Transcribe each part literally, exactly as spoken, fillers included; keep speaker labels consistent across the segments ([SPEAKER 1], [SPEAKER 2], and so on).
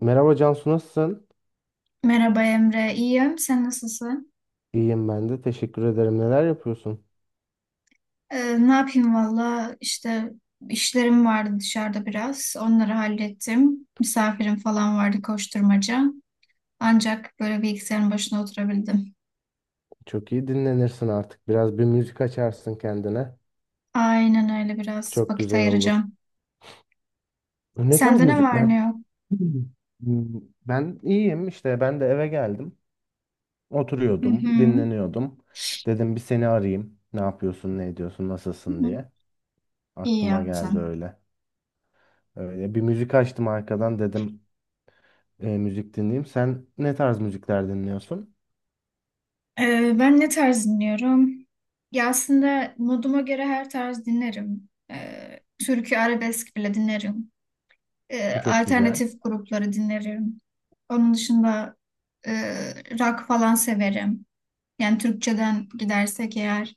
[SPEAKER 1] Merhaba Cansu, nasılsın?
[SPEAKER 2] Merhaba Emre, iyiyim. Sen nasılsın?
[SPEAKER 1] İyiyim ben de. Teşekkür ederim. Neler yapıyorsun?
[SPEAKER 2] Ee, ne yapayım valla işte işlerim vardı dışarıda biraz. Onları hallettim. Misafirim falan vardı koşturmaca. Ancak böyle bilgisayarın başına oturabildim.
[SPEAKER 1] Çok iyi, dinlenirsin artık. Biraz bir müzik açarsın kendine.
[SPEAKER 2] Aynen öyle biraz
[SPEAKER 1] Çok
[SPEAKER 2] vakit
[SPEAKER 1] güzel olur.
[SPEAKER 2] ayıracağım.
[SPEAKER 1] Ne tarz
[SPEAKER 2] Sende ne var
[SPEAKER 1] müzikler?
[SPEAKER 2] ne yok?
[SPEAKER 1] Hmm, ben iyiyim işte. Ben de eve geldim.
[SPEAKER 2] Hı hı.
[SPEAKER 1] Oturuyordum, dinleniyordum. Dedim bir seni arayayım. Ne yapıyorsun, ne ediyorsun, nasılsın diye.
[SPEAKER 2] İyi
[SPEAKER 1] Aklıma geldi
[SPEAKER 2] yaptın.
[SPEAKER 1] öyle. Öyle bir müzik açtım arkadan, dedim e, müzik dinleyeyim. Sen ne tarz müzikler dinliyorsun?
[SPEAKER 2] Ee, ben ne tarz dinliyorum? Ya aslında moduma göre her tarz dinlerim. Ee, türkü arabesk bile dinlerim. E,
[SPEAKER 1] Çok güzel.
[SPEAKER 2] alternatif grupları dinlerim. Onun dışında e, rock falan severim. Yani Türkçeden gidersek eğer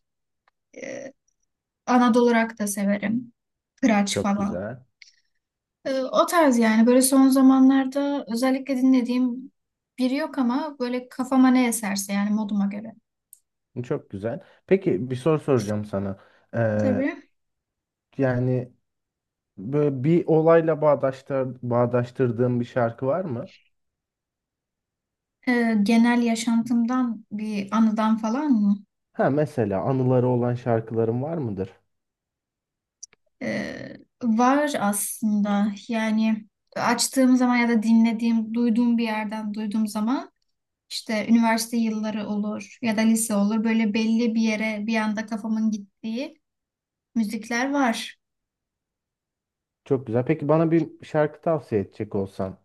[SPEAKER 2] e, Anadolu rock da severim. Kıraç
[SPEAKER 1] Çok
[SPEAKER 2] falan.
[SPEAKER 1] güzel.
[SPEAKER 2] E, o tarz yani böyle son zamanlarda özellikle dinlediğim biri yok ama böyle kafama ne eserse yani moduma göre.
[SPEAKER 1] Çok güzel. Peki bir soru soracağım sana. Ee,
[SPEAKER 2] Tabii.
[SPEAKER 1] yani böyle bir olayla bağdaştır, bağdaştırdığın bir şarkı var mı?
[SPEAKER 2] E, genel yaşantımdan bir anıdan falan mı?
[SPEAKER 1] Ha mesela anıları olan şarkıların var mıdır?
[SPEAKER 2] Ee, Var aslında yani açtığım zaman ya da dinlediğim, duyduğum bir yerden duyduğum zaman işte üniversite yılları olur ya da lise olur böyle belli bir yere bir anda kafamın gittiği müzikler var.
[SPEAKER 1] Çok güzel. Peki bana bir şarkı tavsiye edecek olsan,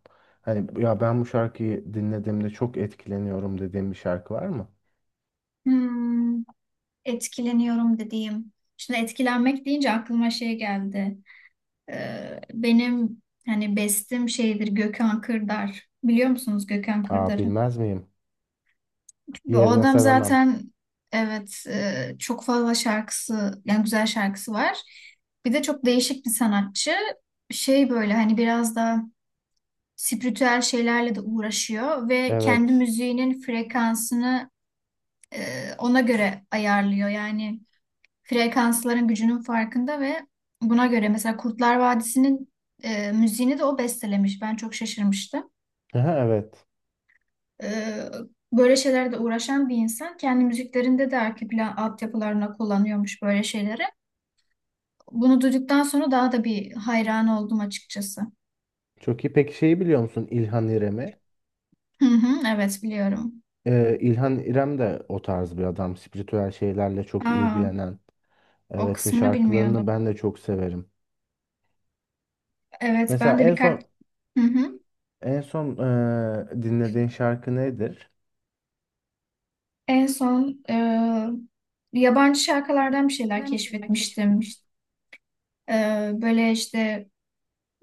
[SPEAKER 1] hani ya ben bu şarkıyı dinlediğimde çok etkileniyorum dediğin bir şarkı var mı?
[SPEAKER 2] Hmm, etkileniyorum dediğim. Şimdi etkilenmek deyince aklıma şey geldi. Ee, benim hani bestim şeydir Gökhan Kırdar. Biliyor musunuz Gökhan
[SPEAKER 1] Aa,
[SPEAKER 2] Kırdar'ı?
[SPEAKER 1] bilmez miyim?
[SPEAKER 2] Bu
[SPEAKER 1] Yerine
[SPEAKER 2] adam
[SPEAKER 1] sevemem.
[SPEAKER 2] zaten evet, e, çok fazla şarkısı yani güzel şarkısı var. Bir de çok değişik bir sanatçı. Şey böyle hani biraz da spiritüel şeylerle de uğraşıyor ve kendi
[SPEAKER 1] Evet.
[SPEAKER 2] müziğinin frekansını e, ona göre ayarlıyor. Yani frekansların gücünün farkında ve buna göre mesela Kurtlar Vadisi'nin e, müziğini de o bestelemiş. Ben çok şaşırmıştım.
[SPEAKER 1] Aha, evet.
[SPEAKER 2] Ee, Böyle şeylerle uğraşan bir insan kendi müziklerinde de arka plan altyapılarına kullanıyormuş böyle şeyleri. Bunu duyduktan sonra daha da bir hayran oldum açıkçası.
[SPEAKER 1] Çok iyi. Peki şeyi biliyor musun, İlhan İrem'i?
[SPEAKER 2] Hı hı, evet biliyorum.
[SPEAKER 1] Ee, İlhan İrem de o tarz bir adam. Spiritüel şeylerle çok
[SPEAKER 2] Aa,
[SPEAKER 1] ilgilenen.
[SPEAKER 2] o
[SPEAKER 1] Evet ve
[SPEAKER 2] kısmını bilmiyordum.
[SPEAKER 1] şarkılarını ben de çok severim.
[SPEAKER 2] Evet ben
[SPEAKER 1] Mesela
[SPEAKER 2] de
[SPEAKER 1] en
[SPEAKER 2] birkaç,
[SPEAKER 1] son
[SPEAKER 2] hı hı.
[SPEAKER 1] en son ee, dinlediğin şarkı nedir?
[SPEAKER 2] En son e, yabancı şarkılardan bir şeyler keşfetmiştim. E, böyle işte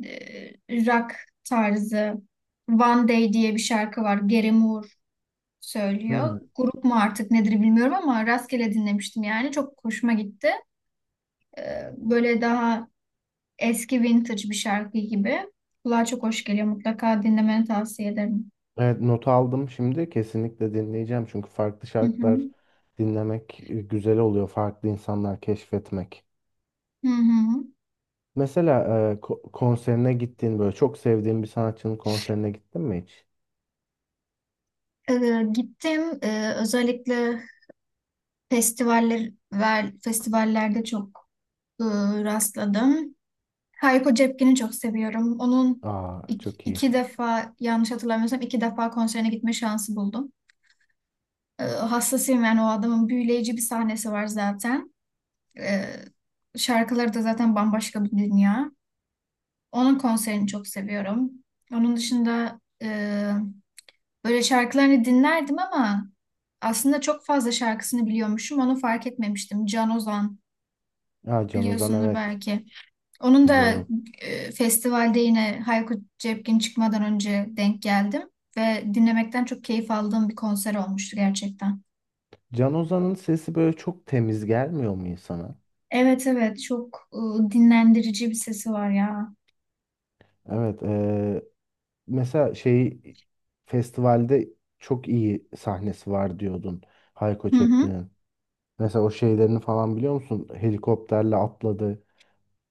[SPEAKER 2] e, rock tarzı One Day diye bir şarkı var. Gary Moore söylüyor.
[SPEAKER 1] Hmm.
[SPEAKER 2] Grup mu artık nedir bilmiyorum ama rastgele dinlemiştim yani. Çok hoşuma gitti. Ee, böyle daha eski vintage bir şarkı gibi. Kulağa çok hoş geliyor. Mutlaka dinlemeni tavsiye ederim.
[SPEAKER 1] Evet, not aldım şimdi. Kesinlikle dinleyeceğim. Çünkü farklı
[SPEAKER 2] Hı
[SPEAKER 1] şarkılar
[SPEAKER 2] hı.
[SPEAKER 1] dinlemek e, güzel oluyor. Farklı insanlar keşfetmek.
[SPEAKER 2] Hı hı.
[SPEAKER 1] Mesela e, ko- konserine gittiğin böyle çok sevdiğin bir sanatçının konserine gittin mi hiç?
[SPEAKER 2] Ee, gittim. Ee, özellikle festivaller ver, festivallerde çok e, rastladım. Hayko Cepkin'i çok seviyorum. Onun
[SPEAKER 1] Aa,
[SPEAKER 2] ik-
[SPEAKER 1] çok iyi.
[SPEAKER 2] iki, defa yanlış hatırlamıyorsam iki defa konserine gitme şansı buldum. E, hassasıyım yani o adamın büyüleyici bir sahnesi var zaten. E, Şarkıları da zaten bambaşka bir dünya. Onun konserini çok seviyorum. Onun dışında e, böyle şarkılarını dinlerdim ama aslında çok fazla şarkısını biliyormuşum. Onu fark etmemiştim. Can Ozan
[SPEAKER 1] Aa, Can Ozan,
[SPEAKER 2] biliyorsundur
[SPEAKER 1] evet,
[SPEAKER 2] belki. Onun da
[SPEAKER 1] biliyorum.
[SPEAKER 2] e, festivalde yine Hayko Cepkin çıkmadan önce denk geldim ve dinlemekten çok keyif aldığım bir konser olmuştu gerçekten.
[SPEAKER 1] Can Ozan'ın sesi böyle çok temiz gelmiyor mu insana?
[SPEAKER 2] Evet evet çok e, dinlendirici bir sesi var ya.
[SPEAKER 1] Evet. eee, mesela şey, festivalde çok iyi sahnesi var diyordun Hayko
[SPEAKER 2] Hı hı.
[SPEAKER 1] Cepkin'in. Mesela o şeylerini falan biliyor musun? Helikopterle atladı,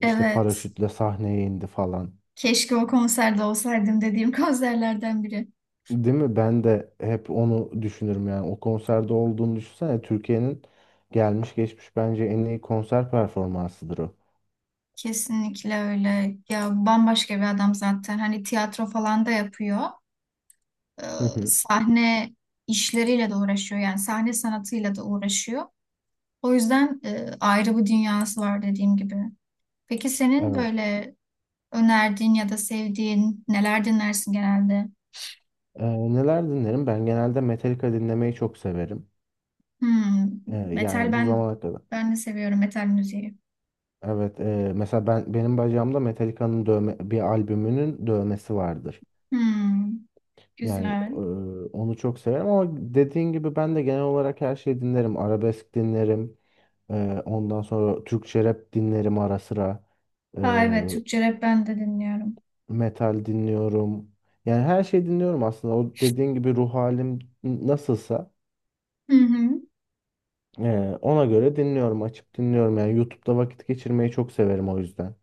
[SPEAKER 1] işte
[SPEAKER 2] Evet.
[SPEAKER 1] paraşütle sahneye indi falan.
[SPEAKER 2] Keşke o konserde olsaydım dediğim konserlerden biri.
[SPEAKER 1] Değil mi? Ben de hep onu düşünürüm yani. O konserde olduğunu düşünsene. Türkiye'nin gelmiş geçmiş bence en iyi konser performansıdır o.
[SPEAKER 2] Kesinlikle öyle. Ya bambaşka bir adam zaten. Hani tiyatro falan da yapıyor. Ee,
[SPEAKER 1] Hı hı.
[SPEAKER 2] sahne işleriyle de uğraşıyor. Yani sahne sanatıyla da uğraşıyor. O yüzden e, ayrı bir dünyası var dediğim gibi. Peki senin
[SPEAKER 1] Evet.
[SPEAKER 2] böyle önerdiğin ya da sevdiğin neler dinlersin genelde?
[SPEAKER 1] Eee, neler dinlerim? Ben genelde Metallica dinlemeyi çok severim.
[SPEAKER 2] Hmm,
[SPEAKER 1] Ee,
[SPEAKER 2] metal,
[SPEAKER 1] yani bu
[SPEAKER 2] ben
[SPEAKER 1] zamana kadar.
[SPEAKER 2] ben de seviyorum metal müziği.
[SPEAKER 1] Evet, e, mesela ben benim bacağımda Metallica'nın dövme, bir albümünün dövmesi vardır.
[SPEAKER 2] Hmm,
[SPEAKER 1] Yani e,
[SPEAKER 2] güzel.
[SPEAKER 1] onu çok severim ama dediğin gibi ben de genel olarak her şeyi dinlerim. Arabesk dinlerim. E, ondan sonra Türkçe rap dinlerim ara sıra. E,
[SPEAKER 2] Aa, evet Türkçe rap ben de dinliyorum.
[SPEAKER 1] Metal dinliyorum. Yani her şeyi dinliyorum aslında. O dediğin gibi ruh halim nasılsa,
[SPEAKER 2] Hı hı.
[SPEAKER 1] e, ona göre dinliyorum, açıp dinliyorum. Yani YouTube'da vakit geçirmeyi çok severim o yüzden.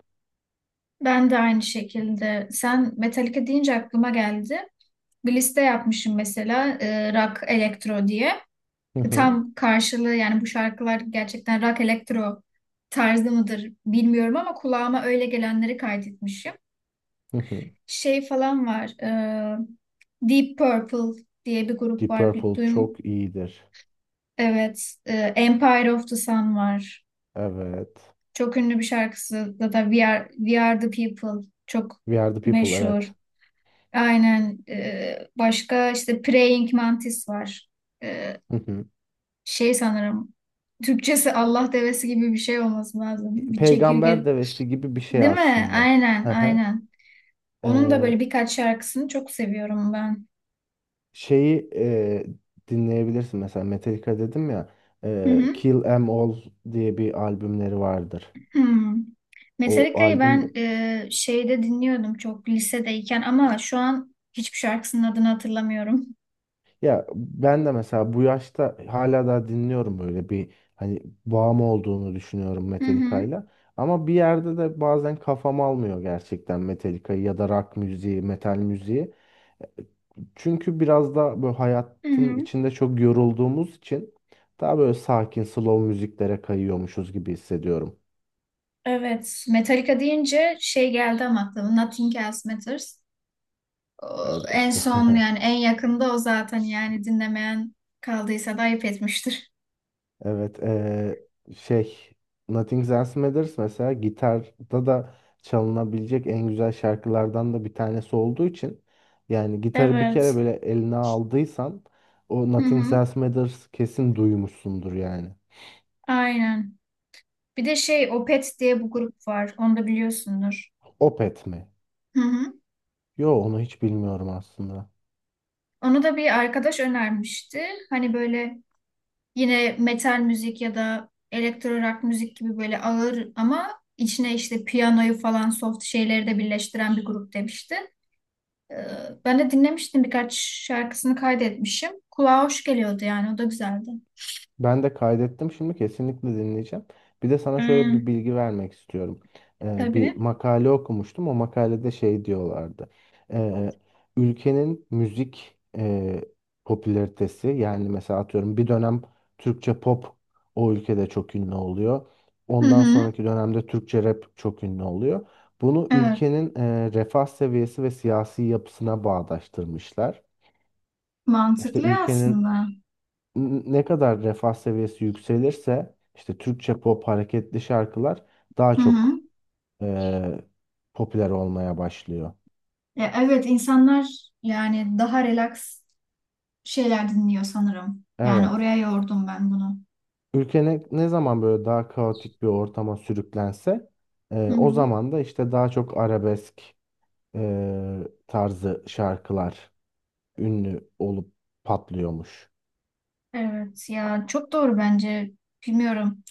[SPEAKER 2] Ben de aynı şekilde. Sen Metallica deyince aklıma geldi. Bir liste yapmışım mesela, e, rock elektro diye.
[SPEAKER 1] Hı
[SPEAKER 2] E,
[SPEAKER 1] hı.
[SPEAKER 2] Tam karşılığı yani bu şarkılar gerçekten rock elektro tarzı mıdır bilmiyorum ama kulağıma öyle gelenleri kaydetmişim.
[SPEAKER 1] Hı hı.
[SPEAKER 2] Şey falan var. e, Deep Purple diye bir grup
[SPEAKER 1] Deep
[SPEAKER 2] var.
[SPEAKER 1] Purple çok iyidir.
[SPEAKER 2] Evet, e, Empire of the Sun var.
[SPEAKER 1] Evet.
[SPEAKER 2] Çok ünlü bir şarkısı da da We Are, We Are the People çok
[SPEAKER 1] We Are The People,
[SPEAKER 2] meşhur.
[SPEAKER 1] evet.
[SPEAKER 2] Aynen. E, başka işte Praying Mantis var. E,
[SPEAKER 1] Hı hı.
[SPEAKER 2] Şey sanırım Türkçesi Allah devesi gibi bir şey olması lazım. Bir
[SPEAKER 1] Peygamber
[SPEAKER 2] çekirge
[SPEAKER 1] Devesi gibi bir şey
[SPEAKER 2] değil mi?
[SPEAKER 1] aslında.
[SPEAKER 2] Aynen,
[SPEAKER 1] Hı hı.
[SPEAKER 2] aynen. Onun da
[SPEAKER 1] Ee,
[SPEAKER 2] böyle birkaç şarkısını çok seviyorum ben.
[SPEAKER 1] şeyi e, dinleyebilirsin mesela, Metallica dedim ya,
[SPEAKER 2] Hı
[SPEAKER 1] e,
[SPEAKER 2] hı.
[SPEAKER 1] Kill 'Em All diye bir albümleri vardır.
[SPEAKER 2] Hmm.
[SPEAKER 1] O
[SPEAKER 2] Metallica'yı ben
[SPEAKER 1] albüm,
[SPEAKER 2] e, şeyde dinliyordum çok lisedeyken ama şu an hiçbir şarkısının adını hatırlamıyorum.
[SPEAKER 1] ya ben de mesela bu yaşta hala daha dinliyorum, böyle bir hani bağım olduğunu düşünüyorum
[SPEAKER 2] Hı hı.
[SPEAKER 1] Metallica'yla. Ama bir yerde de bazen kafam almıyor gerçekten Metallica'yı ya da rock müziği, metal müziği. Çünkü biraz da böyle
[SPEAKER 2] Hı
[SPEAKER 1] hayatın
[SPEAKER 2] hı.
[SPEAKER 1] içinde çok yorulduğumuz için daha böyle sakin, slow müziklere kayıyormuşuz gibi hissediyorum.
[SPEAKER 2] Evet, Metallica deyince şey geldi ama aklıma Nothing Else Matters. O,
[SPEAKER 1] Evet.
[SPEAKER 2] en son yani en yakında o zaten yani dinlemeyen kaldıysa da ayıp etmiştir.
[SPEAKER 1] Evet, eee, şey Nothing Else Matters mesela gitarda da çalınabilecek en güzel şarkılardan da bir tanesi olduğu için, yani gitarı bir kere
[SPEAKER 2] Evet.
[SPEAKER 1] böyle eline aldıysan o
[SPEAKER 2] Hı
[SPEAKER 1] Nothing
[SPEAKER 2] hı.
[SPEAKER 1] Else Matters kesin duymuşsundur yani.
[SPEAKER 2] Aynen. Bir de şey Opet diye bu grup var. Onu da biliyorsundur.
[SPEAKER 1] Opeth mi?
[SPEAKER 2] Hı hı.
[SPEAKER 1] Yo, onu hiç bilmiyorum aslında.
[SPEAKER 2] Onu da bir arkadaş önermişti. Hani böyle yine metal müzik ya da elektro rock müzik gibi böyle ağır ama içine işte piyanoyu falan soft şeyleri de birleştiren bir grup demişti. Ee, Ben de dinlemiştim birkaç şarkısını kaydetmişim. Kulağa hoş geliyordu yani o da güzeldi.
[SPEAKER 1] Ben de kaydettim. Şimdi kesinlikle dinleyeceğim. Bir de sana şöyle bir
[SPEAKER 2] Hmm,
[SPEAKER 1] bilgi vermek istiyorum. Ee, bir
[SPEAKER 2] tabii.
[SPEAKER 1] makale okumuştum. O makalede şey diyorlardı. Ee, Ülkenin müzik e, popülaritesi, yani mesela atıyorum bir dönem Türkçe pop o ülkede çok ünlü oluyor.
[SPEAKER 2] Hı
[SPEAKER 1] Ondan
[SPEAKER 2] hı.
[SPEAKER 1] sonraki dönemde Türkçe rap çok ünlü oluyor. Bunu
[SPEAKER 2] Evet.
[SPEAKER 1] ülkenin e, refah seviyesi ve siyasi yapısına bağdaştırmışlar. İşte
[SPEAKER 2] Mantıklı
[SPEAKER 1] ülkenin
[SPEAKER 2] aslında.
[SPEAKER 1] n- ne kadar refah seviyesi yükselirse işte Türkçe pop hareketli şarkılar daha
[SPEAKER 2] Hı hı.
[SPEAKER 1] çok e, popüler olmaya başlıyor.
[SPEAKER 2] Ya evet insanlar yani daha relax şeyler dinliyor sanırım. Yani
[SPEAKER 1] Evet.
[SPEAKER 2] oraya yordum ben bunu.
[SPEAKER 1] Ülke ne, ne zaman böyle daha kaotik bir ortama sürüklense,
[SPEAKER 2] Hı
[SPEAKER 1] e, o
[SPEAKER 2] hı.
[SPEAKER 1] zaman da işte daha çok arabesk e, tarzı şarkılar ünlü olup patlıyormuş.
[SPEAKER 2] Evet ya çok doğru bence. Bilmiyorum.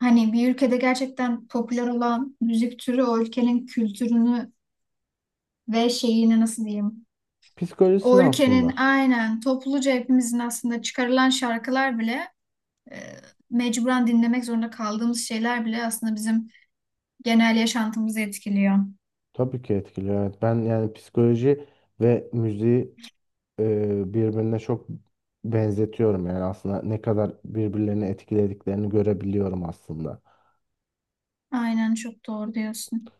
[SPEAKER 2] Hani bir ülkede gerçekten popüler olan müzik türü o ülkenin kültürünü ve şeyini nasıl diyeyim? O
[SPEAKER 1] Psikolojisini
[SPEAKER 2] ülkenin
[SPEAKER 1] aslında
[SPEAKER 2] aynen topluca hepimizin aslında çıkarılan şarkılar bile e, mecburen dinlemek zorunda kaldığımız şeyler bile aslında bizim genel yaşantımızı etkiliyor.
[SPEAKER 1] tabii ki etkiliyor. Evet, ben yani psikoloji ve müziği e, birbirine çok benzetiyorum, yani aslında ne kadar birbirlerini etkilediklerini görebiliyorum aslında.
[SPEAKER 2] Aynen çok doğru diyorsun.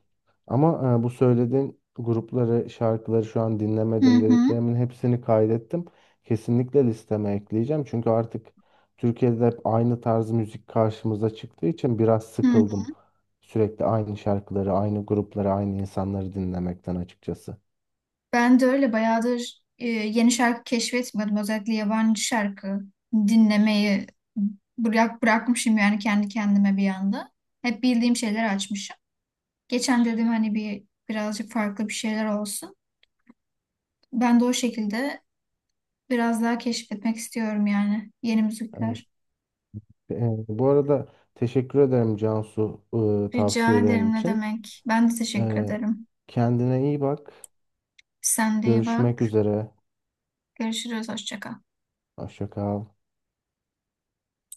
[SPEAKER 1] Ama e, bu söylediğin grupları, şarkıları şu an
[SPEAKER 2] Hı
[SPEAKER 1] dinlemedim
[SPEAKER 2] hı.
[SPEAKER 1] dediklerimin hepsini kaydettim. Kesinlikle listeme ekleyeceğim çünkü artık Türkiye'de hep aynı tarz müzik karşımıza çıktığı için biraz
[SPEAKER 2] Hı
[SPEAKER 1] sıkıldım.
[SPEAKER 2] hı.
[SPEAKER 1] Sürekli aynı şarkıları, aynı grupları, aynı insanları dinlemekten açıkçası.
[SPEAKER 2] Ben de öyle bayağıdır, e, yeni şarkı keşfetmiyordum. Özellikle yabancı şarkı dinlemeyi bırak, bırakmışım yani kendi kendime bir anda. Hep bildiğim şeyler açmışım. Geçen dedim hani bir birazcık farklı bir şeyler olsun. Ben de o şekilde biraz daha keşfetmek istiyorum yani yeni
[SPEAKER 1] Evet.
[SPEAKER 2] müzikler.
[SPEAKER 1] E, bu arada teşekkür ederim Cansu, e,
[SPEAKER 2] Rica
[SPEAKER 1] tavsiyelerin
[SPEAKER 2] ederim ne
[SPEAKER 1] için.
[SPEAKER 2] demek. Ben de teşekkür
[SPEAKER 1] Ee,
[SPEAKER 2] ederim.
[SPEAKER 1] Kendine iyi bak.
[SPEAKER 2] Sen de iyi
[SPEAKER 1] Görüşmek
[SPEAKER 2] bak.
[SPEAKER 1] üzere.
[SPEAKER 2] Görüşürüz. Hoşça kal.
[SPEAKER 1] Hoşça kal.